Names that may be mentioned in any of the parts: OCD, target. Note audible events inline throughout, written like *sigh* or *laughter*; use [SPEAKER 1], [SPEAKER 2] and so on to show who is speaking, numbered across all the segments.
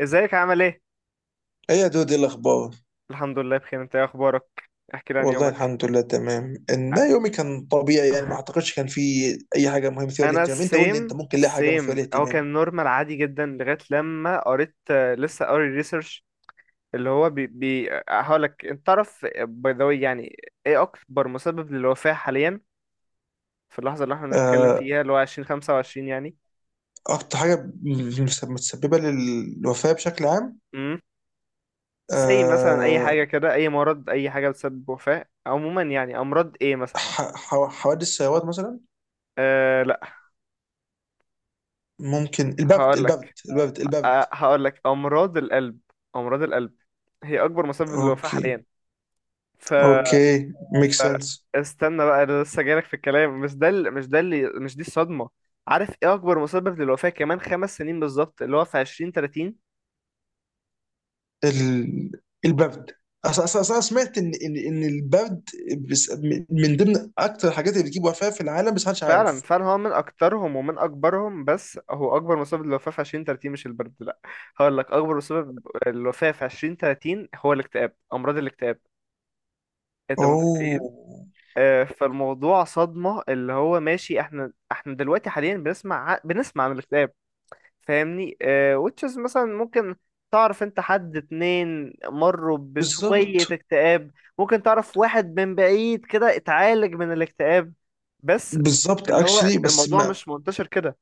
[SPEAKER 1] ازيك عامل ايه؟
[SPEAKER 2] ايه يا دود، ايه الاخبار؟
[SPEAKER 1] الحمد لله بخير. انت ايه اخبارك؟ احكي لي عن
[SPEAKER 2] والله
[SPEAKER 1] يومك.
[SPEAKER 2] الحمد لله، تمام. ان
[SPEAKER 1] أ-
[SPEAKER 2] ده يومي كان طبيعي يعني، ما اعتقدش كان في اي حاجه مهمه مثيره
[SPEAKER 1] انا
[SPEAKER 2] للاهتمام. انت قول لي، انت
[SPEAKER 1] السيم
[SPEAKER 2] ممكن ليه حاجه مثيره
[SPEAKER 1] سيم هو
[SPEAKER 2] للاهتمام.
[SPEAKER 1] كان نورمال عادي جدا لغايه لما قريت، لسه قاري ريسيرش اللي هو بي هقولك. انت تعرف باي ذا واي يعني ايه اكبر مسبب للوفاه حاليا في اللحظه اللي احنا بنتكلم
[SPEAKER 2] آه،
[SPEAKER 1] فيها اللي هو 2025 يعني.
[SPEAKER 2] اكتر حاجه متسببه للوفاه بشكل عام.
[SPEAKER 1] امم سي مثلا اي
[SPEAKER 2] آه،
[SPEAKER 1] حاجه كده، اي مرض، اي حاجه بتسبب وفاه عموما، يعني امراض ايه مثلا؟
[SPEAKER 2] حوادث السيارات مثلا.
[SPEAKER 1] أه لا،
[SPEAKER 2] ممكن البرد البرد
[SPEAKER 1] هقولك،
[SPEAKER 2] البرد
[SPEAKER 1] أ-
[SPEAKER 2] البرد.
[SPEAKER 1] هقول لك امراض القلب. امراض القلب هي اكبر مسبب للوفاة
[SPEAKER 2] اوكي،
[SPEAKER 1] حاليا. ف...
[SPEAKER 2] اوكي، ميك
[SPEAKER 1] ف
[SPEAKER 2] سنس.
[SPEAKER 1] استنى بقى، انا لسه جايلك في الكلام. مش ده ال- مش ده اللي مش دي الصدمة. عارف ايه اكبر مسبب للوفاة كمان خمس سنين بالظبط؟ اللي هو في عشرين تلاتين.
[SPEAKER 2] ال... البرد. اصلا اصلا أصلاً سمعت ان البرد بس- من ضمن اكتر الحاجات اللي بتجيب وفاه في العالم، بس محدش
[SPEAKER 1] فعلا
[SPEAKER 2] عارف.
[SPEAKER 1] فعلا، هو من اكترهم ومن اكبرهم، بس هو اكبر مسبب للوفاة في عشرين تلاتين مش البرد، لا. هقول لك اكبر مسبب للوفاة في عشرين تلاتين هو الاكتئاب، امراض الاكتئاب. انت
[SPEAKER 2] اوه.
[SPEAKER 1] متخيل؟ فالموضوع صدمة. اللي هو ماشي، احنا دلوقتي حاليا بنسمع بنسمع عن الاكتئاب، فاهمني؟ Which is مثلا ممكن تعرف انت حد اتنين مروا بشوية
[SPEAKER 2] بالظبط،
[SPEAKER 1] اكتئاب، ممكن تعرف واحد من بعيد كده اتعالج من الاكتئاب بس،
[SPEAKER 2] بالظبط
[SPEAKER 1] اللي هو
[SPEAKER 2] اكشلي، بس
[SPEAKER 1] الموضوع
[SPEAKER 2] ما...
[SPEAKER 1] مش منتشر كده،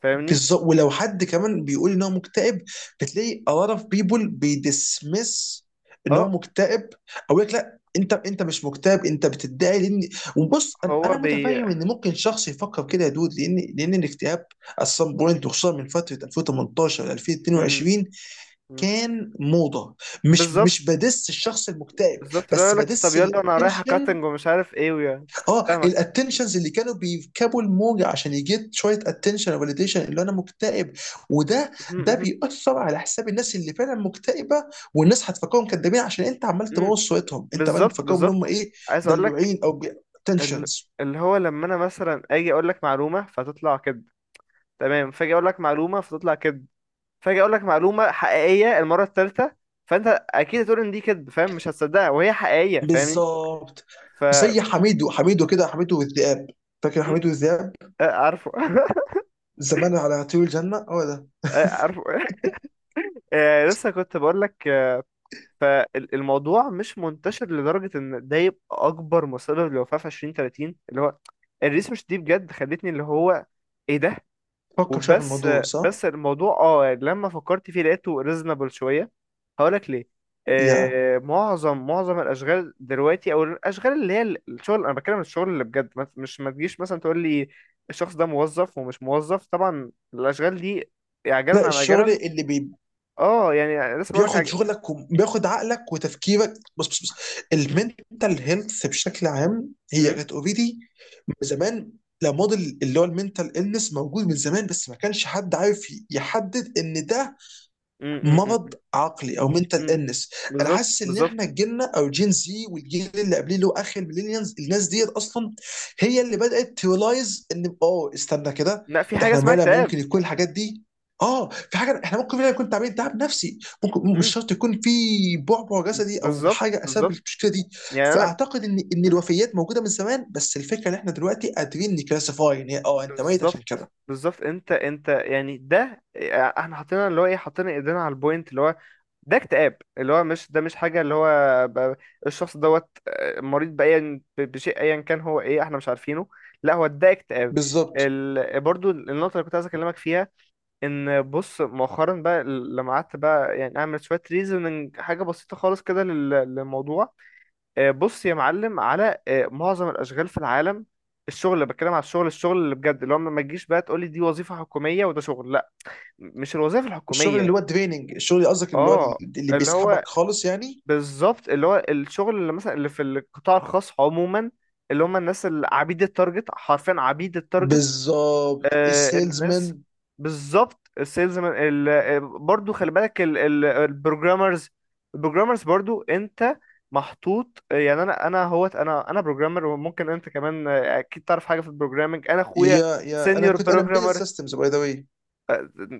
[SPEAKER 1] فاهمني؟
[SPEAKER 2] بالظبط، ولو حد كمان بيقول ان هو مكتئب، بتلاقي a lot of people بيدسمس ان هو
[SPEAKER 1] اه.
[SPEAKER 2] مكتئب، او يقول لك لا، انت مش مكتئب، انت بتدعي، لان... وبص، انا
[SPEAKER 1] هو
[SPEAKER 2] أنا
[SPEAKER 1] بي.
[SPEAKER 2] متفهم ان ممكن شخص يفكر كده يا دود، لان الاكتئاب at some point، وخصوصا من فتره 2018 ل
[SPEAKER 1] مم.
[SPEAKER 2] 2022
[SPEAKER 1] مم.
[SPEAKER 2] كان موضه. مش
[SPEAKER 1] بالظبط
[SPEAKER 2] بدس الشخص المكتئب،
[SPEAKER 1] بالظبط، لا
[SPEAKER 2] بس
[SPEAKER 1] يقولك طب
[SPEAKER 2] بدس
[SPEAKER 1] يلا انا رايح
[SPEAKER 2] الاتنشن.
[SPEAKER 1] كاتنج ومش عارف ايه ويا.
[SPEAKER 2] اه،
[SPEAKER 1] فاهمك.
[SPEAKER 2] الاتنشنز اللي كانوا بيركبوا الموجه عشان يجيت شويه اتنشن وفاليديشن اللي انا مكتئب، وده
[SPEAKER 1] مهم،
[SPEAKER 2] ده
[SPEAKER 1] مهم،
[SPEAKER 2] بيأثر على حساب الناس اللي فعلا مكتئبه. والناس هتفكرهم كدابين، عشان انت عمال
[SPEAKER 1] مم.
[SPEAKER 2] تبوظ صورتهم، انت عمال
[SPEAKER 1] بالظبط
[SPEAKER 2] تفكرهم ان
[SPEAKER 1] بالظبط.
[SPEAKER 2] هم ايه،
[SPEAKER 1] عايز اقول لك
[SPEAKER 2] دلوعين او
[SPEAKER 1] ال-
[SPEAKER 2] تنشنز.
[SPEAKER 1] اللي هو لما انا مثلا اجي اقول لك معلومه فتطلع كذب، تمام؟ فاجي اقول لك معلومه فتطلع كذب، فاجي اقول لك معلومه حقيقيه المره الثالثه، فانت اكيد هتقول ان دي كذب فاهم، مش هتصدقها وهي حقيقيه، فاهمني؟
[SPEAKER 2] بالظبط،
[SPEAKER 1] ف
[SPEAKER 2] زي حميدو، حميدو كده، حميدو والذئاب. فاكر
[SPEAKER 1] م-
[SPEAKER 2] حميدو والذئاب؟
[SPEAKER 1] عارفه *laughs*
[SPEAKER 2] زمان على طيور الجنه، هو ده.
[SPEAKER 1] عارفه *laughs* لسه كنت بقول لك، فالموضوع مش منتشر لدرجه ان ده يبقى اكبر مسبب للوفاه في 2030 اللي هو الريس. مش دي بجد خلتني اللي هو ايه ده؟
[SPEAKER 2] فكر شويه في
[SPEAKER 1] وبس.
[SPEAKER 2] الموضوع صح؟
[SPEAKER 1] بس الموضوع اه يعني لما فكرت فيه لقيته ريزونبل شويه، هقولك ليه.
[SPEAKER 2] يا
[SPEAKER 1] معظم الاشغال دلوقتي او الاشغال اللي هي الشغل، انا بتكلم الشغل اللي بجد، مش ما تجيش مثلا تقول لي الشخص ده موظف ومش موظف، طبعا الاشغال دي عاجلا
[SPEAKER 2] لا،
[SPEAKER 1] ام
[SPEAKER 2] الشغل
[SPEAKER 1] اجلا.
[SPEAKER 2] اللي بي...
[SPEAKER 1] اه يعني لسه بقولك
[SPEAKER 2] بياخد شغلك وبياخد عقلك وتفكيرك. بص بص بص،
[SPEAKER 1] م-
[SPEAKER 2] المنتال هيلث بشكل عام هي
[SPEAKER 1] م-
[SPEAKER 2] كانت اوريدي من زمان. لا، موديل اللي هو المنتال النس موجود من زمان، بس ما كانش حد عارف يحدد ان ده
[SPEAKER 1] م-
[SPEAKER 2] مرض
[SPEAKER 1] م-
[SPEAKER 2] عقلي او
[SPEAKER 1] م-
[SPEAKER 2] منتال
[SPEAKER 1] م-
[SPEAKER 2] النس. انا
[SPEAKER 1] بالظبط
[SPEAKER 2] حاسس ان
[SPEAKER 1] بالظبط.
[SPEAKER 2] احنا جيلنا، او جين زي، والجيل اللي قبليه اللي هو اخر الميلينيالز، الناس ديت اصلا هي اللي بدات تريلايز ان، استنى كده،
[SPEAKER 1] لا، في
[SPEAKER 2] ده
[SPEAKER 1] حاجه
[SPEAKER 2] احنا
[SPEAKER 1] اسمها
[SPEAKER 2] فعلا
[SPEAKER 1] اكتئاب.
[SPEAKER 2] ممكن يكون الحاجات دي، اه في حاجه، احنا ممكن فعلا يكون تعبين تعب نفسي، ممكن مش
[SPEAKER 1] م-
[SPEAKER 2] شرط يكون في بعبع جسدي او
[SPEAKER 1] بالظبط
[SPEAKER 2] حاجه اسبب
[SPEAKER 1] بالظبط.
[SPEAKER 2] المشكله دي.
[SPEAKER 1] يعني انا
[SPEAKER 2] فاعتقد ان الوفيات موجوده من زمان، بس الفكره ان احنا دلوقتي قادرين نكلاسيفاي ان هي، انت ميت عشان
[SPEAKER 1] بالظبط
[SPEAKER 2] كده.
[SPEAKER 1] بالظبط، انت يعني ده احنا حطينا اللي هو ايه، حطينا ايدينا على البوينت اللي هو ده اكتئاب، اللي هو مش ده مش حاجة اللي هو ب- الشخص دوت مريض بشيء ايا كان، هو ايه احنا مش عارفينه؟ لا، هو ده اكتئاب.
[SPEAKER 2] بالظبط.
[SPEAKER 1] برضو النقطة اللي كنت عايز اكلمك فيها ان بص مؤخرا بقى، لما قعدت بقى يعني اعمل شوية ريزوننج حاجة بسيطة خالص كده للموضوع. بص يا معلم، على معظم الاشغال في العالم، الشغل اللي بتكلم على الشغل، الشغل اللي بجد اللي هو ما تجيش بقى تقولي دي وظيفة حكومية وده شغل، لا، مش الوظائف
[SPEAKER 2] الشغل اللي
[SPEAKER 1] الحكومية.
[SPEAKER 2] هو الدريننج، الشغل اللي قصدك، اللي هو
[SPEAKER 1] اه
[SPEAKER 2] اللي
[SPEAKER 1] اللي هو
[SPEAKER 2] بيسحبك خالص يعني.
[SPEAKER 1] بالظبط اللي هو الشغل اللي مثلا اللي في القطاع الخاص عموما، اللي هم الناس اللي عبيد التارجت، حرفيا عبيد التارجت.
[SPEAKER 2] بالظبط،
[SPEAKER 1] الناس
[SPEAKER 2] السيلزمان.
[SPEAKER 1] بالظبط، السيلز، برضو خلي بالك البروجرامرز. البروجرامرز برضو انت محطوط، يعني انا هوت، انا بروجرامر، وممكن انت كمان، اكيد تعرف حاجه في البروجرامنج. انا اخويا
[SPEAKER 2] يا انا
[SPEAKER 1] سينيور
[SPEAKER 2] كنت، انا امبيدد
[SPEAKER 1] بروجرامر،
[SPEAKER 2] سيستمز باي ذا واي.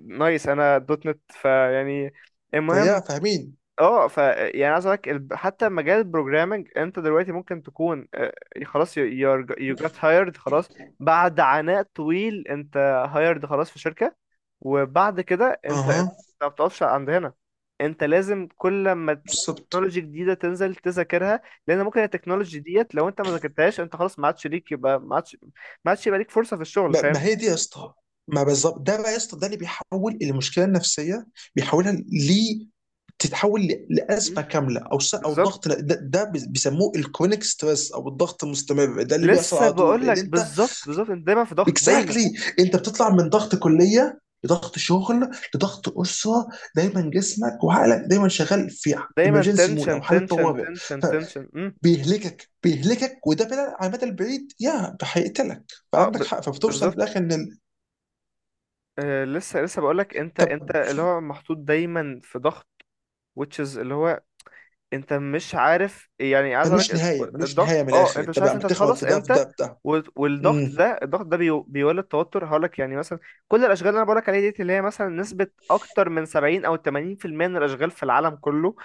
[SPEAKER 1] نايس. انا دوت نت، فيعني المهم.
[SPEAKER 2] فيا فاهمين.
[SPEAKER 1] اه ف يعني عايز اقولك حتى مجال البروجرامنج انت دلوقتي ممكن تكون، خلاص يو جت هايرد خلاص بعد عناء طويل، انت هايرد خلاص في شركة. وبعد كده انت
[SPEAKER 2] اها.
[SPEAKER 1] ما بتقفش عند هنا، انت لازم كل ما
[SPEAKER 2] بالظبط.
[SPEAKER 1] تكنولوجي جديدة تنزل تذاكرها، لان ممكن التكنولوجي ديت لو انت ما ذاكرتهاش انت خلاص ما عادش ليك، يبقى ما عادش، ما عادش يبقى ليك فرصة في الشغل،
[SPEAKER 2] ما
[SPEAKER 1] فاهم؟
[SPEAKER 2] هي دي يا اسطى، ما بالظبط ده بقى يا اسطى. ده اللي بيحول المشكله النفسيه، بيحولها ل... تتحول لازمه
[SPEAKER 1] مم.
[SPEAKER 2] كامله، او او
[SPEAKER 1] بالظبط.
[SPEAKER 2] ضغط. ده بيسموه الكرونيك ستريس او الضغط المستمر، ده اللي بيحصل
[SPEAKER 1] لسه
[SPEAKER 2] على طول
[SPEAKER 1] بقول
[SPEAKER 2] اللي
[SPEAKER 1] لك
[SPEAKER 2] انت...
[SPEAKER 1] بالظبط بالظبط، انت دايما في ضغط، دايما.
[SPEAKER 2] اكزاكتلي. انت بتطلع من ضغط كليه لضغط شغل لضغط اسره. دايما جسمك وعقلك دايما شغال في
[SPEAKER 1] دايما
[SPEAKER 2] ايمرجنسي مود
[SPEAKER 1] تنشن
[SPEAKER 2] او حاله
[SPEAKER 1] تنشن
[SPEAKER 2] طوارئ.
[SPEAKER 1] تنشن تنشن.
[SPEAKER 2] فبيهلكك بيهلكك، وده بلا على المدى البعيد يا هيقتلك.
[SPEAKER 1] اه
[SPEAKER 2] فعندك حق. فبتوصل في
[SPEAKER 1] بالظبط.
[SPEAKER 2] الاخر ان
[SPEAKER 1] آه لسه لسه بقول لك انت
[SPEAKER 2] طب
[SPEAKER 1] انت اللي هو محطوط دايما في ضغط، which is اللي هو انت مش عارف يعني، عايز اقول
[SPEAKER 2] ملوش
[SPEAKER 1] لك
[SPEAKER 2] نهايه، ملوش نهايه
[SPEAKER 1] الضغط.
[SPEAKER 2] من
[SPEAKER 1] اه
[SPEAKER 2] الاخر،
[SPEAKER 1] انت
[SPEAKER 2] انت
[SPEAKER 1] مش عارف
[SPEAKER 2] بقى
[SPEAKER 1] انت
[SPEAKER 2] بتخبط
[SPEAKER 1] هتخلص
[SPEAKER 2] في ده، في
[SPEAKER 1] امتى،
[SPEAKER 2] ده، في ده.
[SPEAKER 1] والضغط
[SPEAKER 2] امم
[SPEAKER 1] ده، الضغط ده بيولد توتر. هقول لك يعني مثلا كل الاشغال اللي انا بقول لك عليها ديت، اللي هي مثلا نسبة اكتر من 70 او 80% من الاشغال في العالم كله،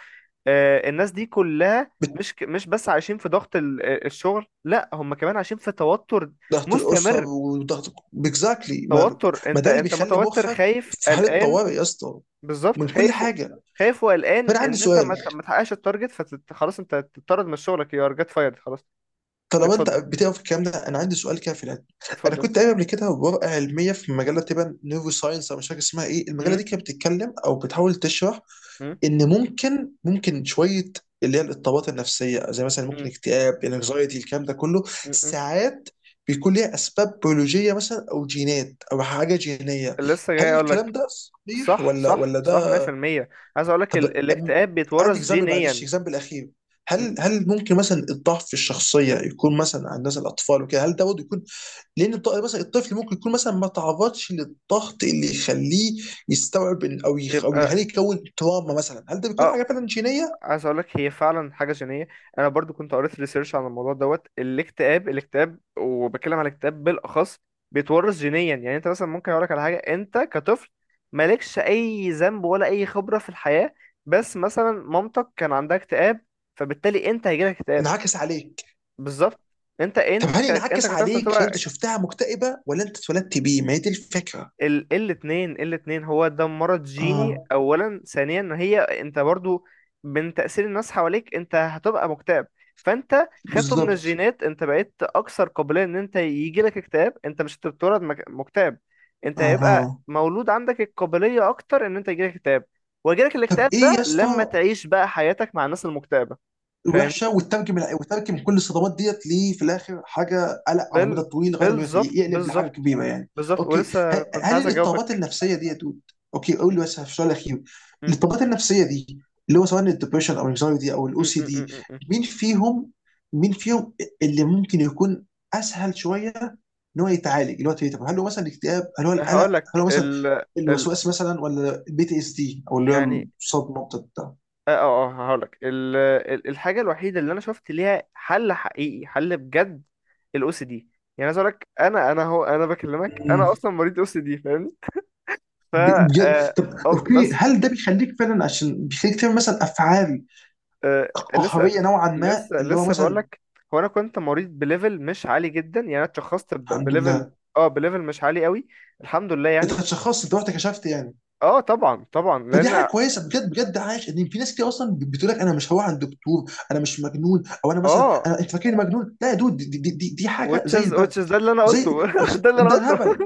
[SPEAKER 1] الناس دي كلها مش مش بس عايشين في ضغط الشغل، لا هم كمان عايشين في توتر
[SPEAKER 2] ضغط الاسره
[SPEAKER 1] مستمر.
[SPEAKER 2] وضغط... اكزاكتلي. ما,
[SPEAKER 1] توتر،
[SPEAKER 2] ما
[SPEAKER 1] انت
[SPEAKER 2] ده اللي
[SPEAKER 1] انت
[SPEAKER 2] بيخلي
[SPEAKER 1] متوتر،
[SPEAKER 2] مخك
[SPEAKER 1] خايف،
[SPEAKER 2] في حاله
[SPEAKER 1] قلقان.
[SPEAKER 2] طوارئ يا اسطى،
[SPEAKER 1] بالظبط،
[SPEAKER 2] من كل
[SPEAKER 1] خايف و-
[SPEAKER 2] حاجه.
[SPEAKER 1] خايف وقلقان
[SPEAKER 2] فانا عندي
[SPEAKER 1] ان انت
[SPEAKER 2] سؤال.
[SPEAKER 1] ما تحققش التارجت، فخلاص انت تطرد من شغلك، يو ار جيت فايرد خلاص.
[SPEAKER 2] طالما انت
[SPEAKER 1] اتفضل
[SPEAKER 2] بتقرا في الكلام ده، انا عندي سؤال كده في العلم. انا
[SPEAKER 1] اتفضل.
[SPEAKER 2] كنت قايل قبل كده، ورقه علميه في مجله تبقى نيرو ساينس، او مش فاكر اسمها ايه، المجله
[SPEAKER 1] م-
[SPEAKER 2] دي كانت بتتكلم او بتحاول تشرح
[SPEAKER 1] م-
[SPEAKER 2] ان ممكن، شويه اللي هي الاضطرابات النفسيه، زي مثلا ممكن
[SPEAKER 1] م-
[SPEAKER 2] اكتئاب، انكزايتي، الكلام ده كله،
[SPEAKER 1] م- م.
[SPEAKER 2] ساعات بيكون ليها اسباب بيولوجيه مثلا، او جينات او حاجه جينيه.
[SPEAKER 1] لسه جاي
[SPEAKER 2] هل
[SPEAKER 1] اقول
[SPEAKER 2] الكلام
[SPEAKER 1] لك.
[SPEAKER 2] ده صحيح،
[SPEAKER 1] صح
[SPEAKER 2] ولا
[SPEAKER 1] صح
[SPEAKER 2] ولا
[SPEAKER 1] صح،
[SPEAKER 2] ده؟
[SPEAKER 1] 100%. عايز اقول لك
[SPEAKER 2] طب أم-
[SPEAKER 1] الاكتئاب
[SPEAKER 2] عندي
[SPEAKER 1] بيتورث
[SPEAKER 2] اكزامبل، معلش
[SPEAKER 1] جينيا.
[SPEAKER 2] اكزامبل اخير.
[SPEAKER 1] م.
[SPEAKER 2] هل ممكن مثلا الضعف في الشخصيه يكون مثلا عند مثلا الاطفال وكده؟ هل ده برضه يكون، لان مثلا الطفل ممكن يكون مثلا ما تعرضش للضغط اللي يخليه يستوعب، او
[SPEAKER 1] يبقى
[SPEAKER 2] يخليه يكون تراما مثلا، هل ده بيكون
[SPEAKER 1] اه
[SPEAKER 2] حاجه فعلا جينيه؟
[SPEAKER 1] عايز اقول لك هي فعلا حاجه جينيه. انا برضو كنت قريت ريسيرش عن الموضوع دوت، الاكتئاب، الاكتئاب، وبتكلم على الاكتئاب بالاخص بيتورث جينيا. يعني انت مثلا ممكن اقول لك على حاجه انت كطفل مالكش اي ذنب ولا اي خبره في الحياه، بس مثلا مامتك كان عندها اكتئاب، فبالتالي انت هيجيلك اكتئاب.
[SPEAKER 2] انعكس عليك.
[SPEAKER 1] بالظبط. انت
[SPEAKER 2] طب هل
[SPEAKER 1] انت
[SPEAKER 2] انعكس
[SPEAKER 1] كطفل
[SPEAKER 2] عليك عشان انت
[SPEAKER 1] هتبقى
[SPEAKER 2] شفتها مكتئبه، ولا انت اتولدت بيه؟ ما هي دي الفكره.
[SPEAKER 1] الاتنين. الاتنين هو ده مرض جيني.
[SPEAKER 2] اه.
[SPEAKER 1] اولا، ثانيا ان هي انت برضو من تأثير الناس حواليك انت هتبقى مكتئب. فانت خدته من
[SPEAKER 2] بالظبط.
[SPEAKER 1] الجينات، انت بقيت اكثر قابلية ان انت يجيلك اكتئاب، انت مش بتتولد مكتئب، انت هيبقى
[SPEAKER 2] اها.
[SPEAKER 1] مولود عندك القابلية اكتر ان انت يجيلك اكتئاب، ويجيلك
[SPEAKER 2] طب
[SPEAKER 1] الاكتئاب
[SPEAKER 2] ايه يا
[SPEAKER 1] ده لما
[SPEAKER 2] اسطى،
[SPEAKER 1] تعيش بقى حياتك مع الناس المكتئبة، فاهمني؟
[SPEAKER 2] وحشه وترجم وترجم كل الصدمات ديت، ليه في الاخر حاجه، قلق على المدى
[SPEAKER 1] بال
[SPEAKER 2] الطويل لغايه ما
[SPEAKER 1] بالظبط
[SPEAKER 2] يقلب لحاجه
[SPEAKER 1] بالظبط.
[SPEAKER 2] كبيره يعني.
[SPEAKER 1] بالظبط
[SPEAKER 2] اوكي،
[SPEAKER 1] ولسه كنت
[SPEAKER 2] هل
[SPEAKER 1] عايز
[SPEAKER 2] الاضطرابات
[SPEAKER 1] اجاوبك.
[SPEAKER 2] النفسيه ديت... اوكي، قول لي
[SPEAKER 1] م-
[SPEAKER 2] بس في السؤال الاخير.
[SPEAKER 1] م-
[SPEAKER 2] الاضطرابات النفسيه دي، اللي هو سواء الدبريشن او الانكزايتي او الاو
[SPEAKER 1] م-
[SPEAKER 2] سي
[SPEAKER 1] م-
[SPEAKER 2] دي،
[SPEAKER 1] م- م-
[SPEAKER 2] مين فيهم، مين فيهم اللي ممكن يكون اسهل شويه ان هو يتعالج؟ اللي هو طب، هل هو مثلا الاكتئاب، هل هو القلق،
[SPEAKER 1] هقول
[SPEAKER 2] هل
[SPEAKER 1] لك
[SPEAKER 2] هو مثلا
[SPEAKER 1] ال ال
[SPEAKER 2] الوسواس مثلا، ولا البي تي اس دي او اللي هو
[SPEAKER 1] يعني
[SPEAKER 2] الصدمه
[SPEAKER 1] اه اه اه، هقول لك الحاجه الوحيده اللي انا شفت ليها حل حقيقي، حل بجد، الاو سي دي. يعني عايز اقول لك انا بكلمك،
[SPEAKER 2] بتاعت...
[SPEAKER 1] انا اصلا مريض او سي دي، فاهمني؟ ف
[SPEAKER 2] بجد؟
[SPEAKER 1] اه،
[SPEAKER 2] طب اوكي،
[SPEAKER 1] بس،
[SPEAKER 2] هل ده بيخليك فعلا، عشان بيخليك تعمل مثلا افعال
[SPEAKER 1] آه لسه
[SPEAKER 2] قهريه نوعا ما،
[SPEAKER 1] لسه
[SPEAKER 2] اللي هو
[SPEAKER 1] لسه بقول
[SPEAKER 2] مثلا...
[SPEAKER 1] لك، هو انا كنت مريض بليفل مش عالي جدا يعني، انا اتشخصت
[SPEAKER 2] الحمد
[SPEAKER 1] بليفل
[SPEAKER 2] لله.
[SPEAKER 1] اه بليفل مش عالي قوي، الحمد لله
[SPEAKER 2] انت
[SPEAKER 1] يعني.
[SPEAKER 2] اتشخصت، انت رحت كشفت يعني؟
[SPEAKER 1] اه طبعا طبعا
[SPEAKER 2] فدي
[SPEAKER 1] لان
[SPEAKER 2] حاجه كويسه بجد بجد. عايش ان في ناس كتير اصلا بتقول لك انا مش هروح عند دكتور، انا مش مجنون، او انا مثلا،
[SPEAKER 1] اه
[SPEAKER 2] انا، انت فاكرني مجنون؟ لا يا دود، دي حاجه
[SPEAKER 1] which
[SPEAKER 2] زي
[SPEAKER 1] is
[SPEAKER 2] البرد،
[SPEAKER 1] which is ده اللي انا
[SPEAKER 2] زي...
[SPEAKER 1] قلته *laughs* ده اللي انا
[SPEAKER 2] ده
[SPEAKER 1] قلته.
[SPEAKER 2] هبل.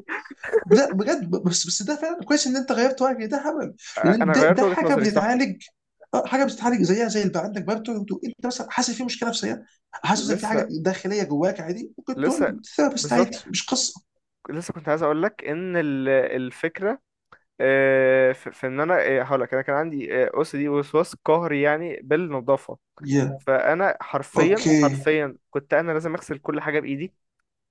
[SPEAKER 2] لا بجد، بس ده فعلا كويس ان انت غيرت رايك، ده هبل. لان
[SPEAKER 1] انا
[SPEAKER 2] ده,
[SPEAKER 1] غيرت
[SPEAKER 2] ده
[SPEAKER 1] وجهة
[SPEAKER 2] حاجه
[SPEAKER 1] نظري، صح.
[SPEAKER 2] بتتعالج، حاجه بتتعالج زيها زي اللي بقى عندك برضه. انت مثلا حاسس في مشكله نفسيه، حاسس ان في
[SPEAKER 1] لسه،
[SPEAKER 2] حاجه داخليه جواك، عادي ممكن
[SPEAKER 1] لسه،
[SPEAKER 2] تقول ثيرابيست،
[SPEAKER 1] بالظبط.
[SPEAKER 2] عادي مش قصه.
[SPEAKER 1] لسه كنت عايز اقول لك ان الفكره في في ان انا، هقول لك انا كان عندي او سي دي، وسواس قهري يعني، بالنظافه.
[SPEAKER 2] يا،
[SPEAKER 1] فانا حرفيا
[SPEAKER 2] اوكي.
[SPEAKER 1] حرفيا كنت انا لازم اغسل كل حاجه بايدي،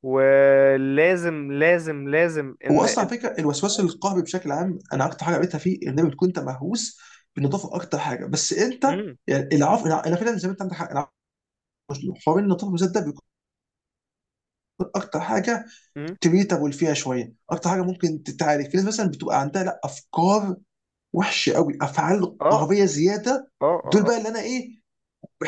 [SPEAKER 1] ولازم لازم لازم
[SPEAKER 2] هو
[SPEAKER 1] ان
[SPEAKER 2] اصلا على فكره الوسواس القهري بشكل عام، انا اكتر حاجه قريتها فيه ان بتكون انت مهووس بالنظافه اكتر حاجه. بس انت
[SPEAKER 1] مم،
[SPEAKER 2] يعني العفو، انا فعلا زي ما انت، عندك حق. حوار النظافه بالذات ده بيكون اكتر حاجه
[SPEAKER 1] مم،
[SPEAKER 2] تريتابل فيها شويه، اكتر حاجه ممكن تتعالج. في ناس مثلا بتبقى عندها لا افكار وحشه قوي، افعال
[SPEAKER 1] اه
[SPEAKER 2] قهريه زياده،
[SPEAKER 1] اه
[SPEAKER 2] دول
[SPEAKER 1] اه.
[SPEAKER 2] بقى اللي انا ايه،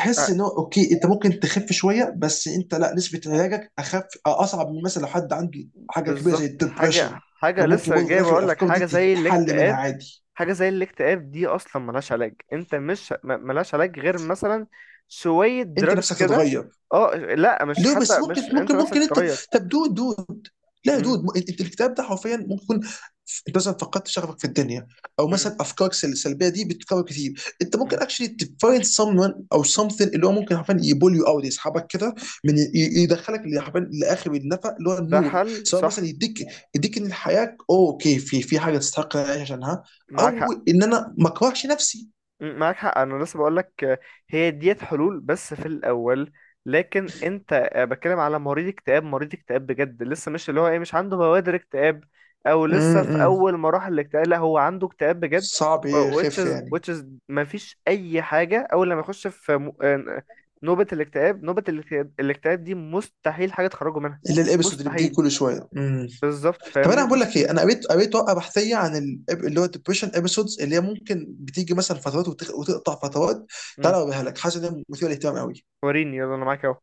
[SPEAKER 1] آه، آه،
[SPEAKER 2] ان هو اوكي انت ممكن تخف شويه، بس انت لا، نسبه علاجك اخف، اصعب من مثلا لو حد عنده حاجه كبيره زي
[SPEAKER 1] بالظبط حاجه،
[SPEAKER 2] الدبريشن. لو
[SPEAKER 1] حاجه
[SPEAKER 2] ممكن
[SPEAKER 1] لسه
[SPEAKER 2] برضه في
[SPEAKER 1] جاي
[SPEAKER 2] الاخر
[SPEAKER 1] بقول لك،
[SPEAKER 2] الافكار دي
[SPEAKER 1] حاجه زي
[SPEAKER 2] تتحل منها
[SPEAKER 1] الاكتئاب.
[SPEAKER 2] عادي.
[SPEAKER 1] حاجة زي الاكتئاب دي أصلا ملهاش علاج، أنت مش ملهاش علاج غير مثلا شوية
[SPEAKER 2] انت
[SPEAKER 1] دراجز
[SPEAKER 2] نفسك
[SPEAKER 1] كده.
[SPEAKER 2] تتغير،
[SPEAKER 1] اه لا، مش
[SPEAKER 2] ليه
[SPEAKER 1] حتى
[SPEAKER 2] بس؟ ممكن
[SPEAKER 1] مش أنت
[SPEAKER 2] ممكن
[SPEAKER 1] نفسك
[SPEAKER 2] ممكن انت،
[SPEAKER 1] تغير.
[SPEAKER 2] طب دو دو لا يا
[SPEAKER 1] مم،
[SPEAKER 2] دود، انت الكتاب ده حرفيا ممكن يكون انت مثلا فقدت شغفك في الدنيا، او
[SPEAKER 1] مم،
[SPEAKER 2] مثلا افكارك السلبيه دي بتتكرر كتير، انت ممكن
[SPEAKER 1] مم.
[SPEAKER 2] اكشلي تفايند someone او something اللي هو ممكن حرفيا يبول يو اوت، يسحبك كده من يدخلك اللي حرفيا لاخر النفق اللي هو
[SPEAKER 1] ده
[SPEAKER 2] النور،
[SPEAKER 1] حل
[SPEAKER 2] سواء مثلا
[SPEAKER 1] صح.
[SPEAKER 2] يديك، يديك ان الحياه اوكي، في حاجه تستحق إن أنا اعيش عشانها،
[SPEAKER 1] معاك
[SPEAKER 2] او
[SPEAKER 1] حق.
[SPEAKER 2] ان انا ما اكرهش نفسي.
[SPEAKER 1] معاك حق انا لسه بقولك هي ديت حلول بس في الاول، لكن انت بتكلم على مريض اكتئاب. مريض اكتئاب بجد لسه، مش اللي هو ايه، مش عنده بوادر اكتئاب او لسه في
[SPEAKER 2] امم.
[SPEAKER 1] اول مراحل الاكتئاب. لا، هو عنده اكتئاب بجد.
[SPEAKER 2] صعب
[SPEAKER 1] و- which
[SPEAKER 2] يخف
[SPEAKER 1] is
[SPEAKER 2] يعني،
[SPEAKER 1] which is مفيش اي حاجه اول لما يخش في نوبه الاكتئاب، نوبه الاكتئاب. الاكتئاب دي مستحيل حاجه تخرجه منها،
[SPEAKER 2] الا الابيسود اللي بتيجي
[SPEAKER 1] مستحيل.
[SPEAKER 2] كل شويه.
[SPEAKER 1] بالظبط،
[SPEAKER 2] طب
[SPEAKER 1] فاهمني،
[SPEAKER 2] انا بقول لك ايه،
[SPEAKER 1] مستحيل.
[SPEAKER 2] انا قريت ورقه بحثيه عن اللي هو الدبريشن ابيسودز، اللي هي ممكن بتيجي مثلا فترات، وتقطع فترات.
[SPEAKER 1] م.
[SPEAKER 2] تعالى اوريها لك، حاسس ان هي مثيره للاهتمام قوي.
[SPEAKER 1] وريني يلا انا معاك اهو.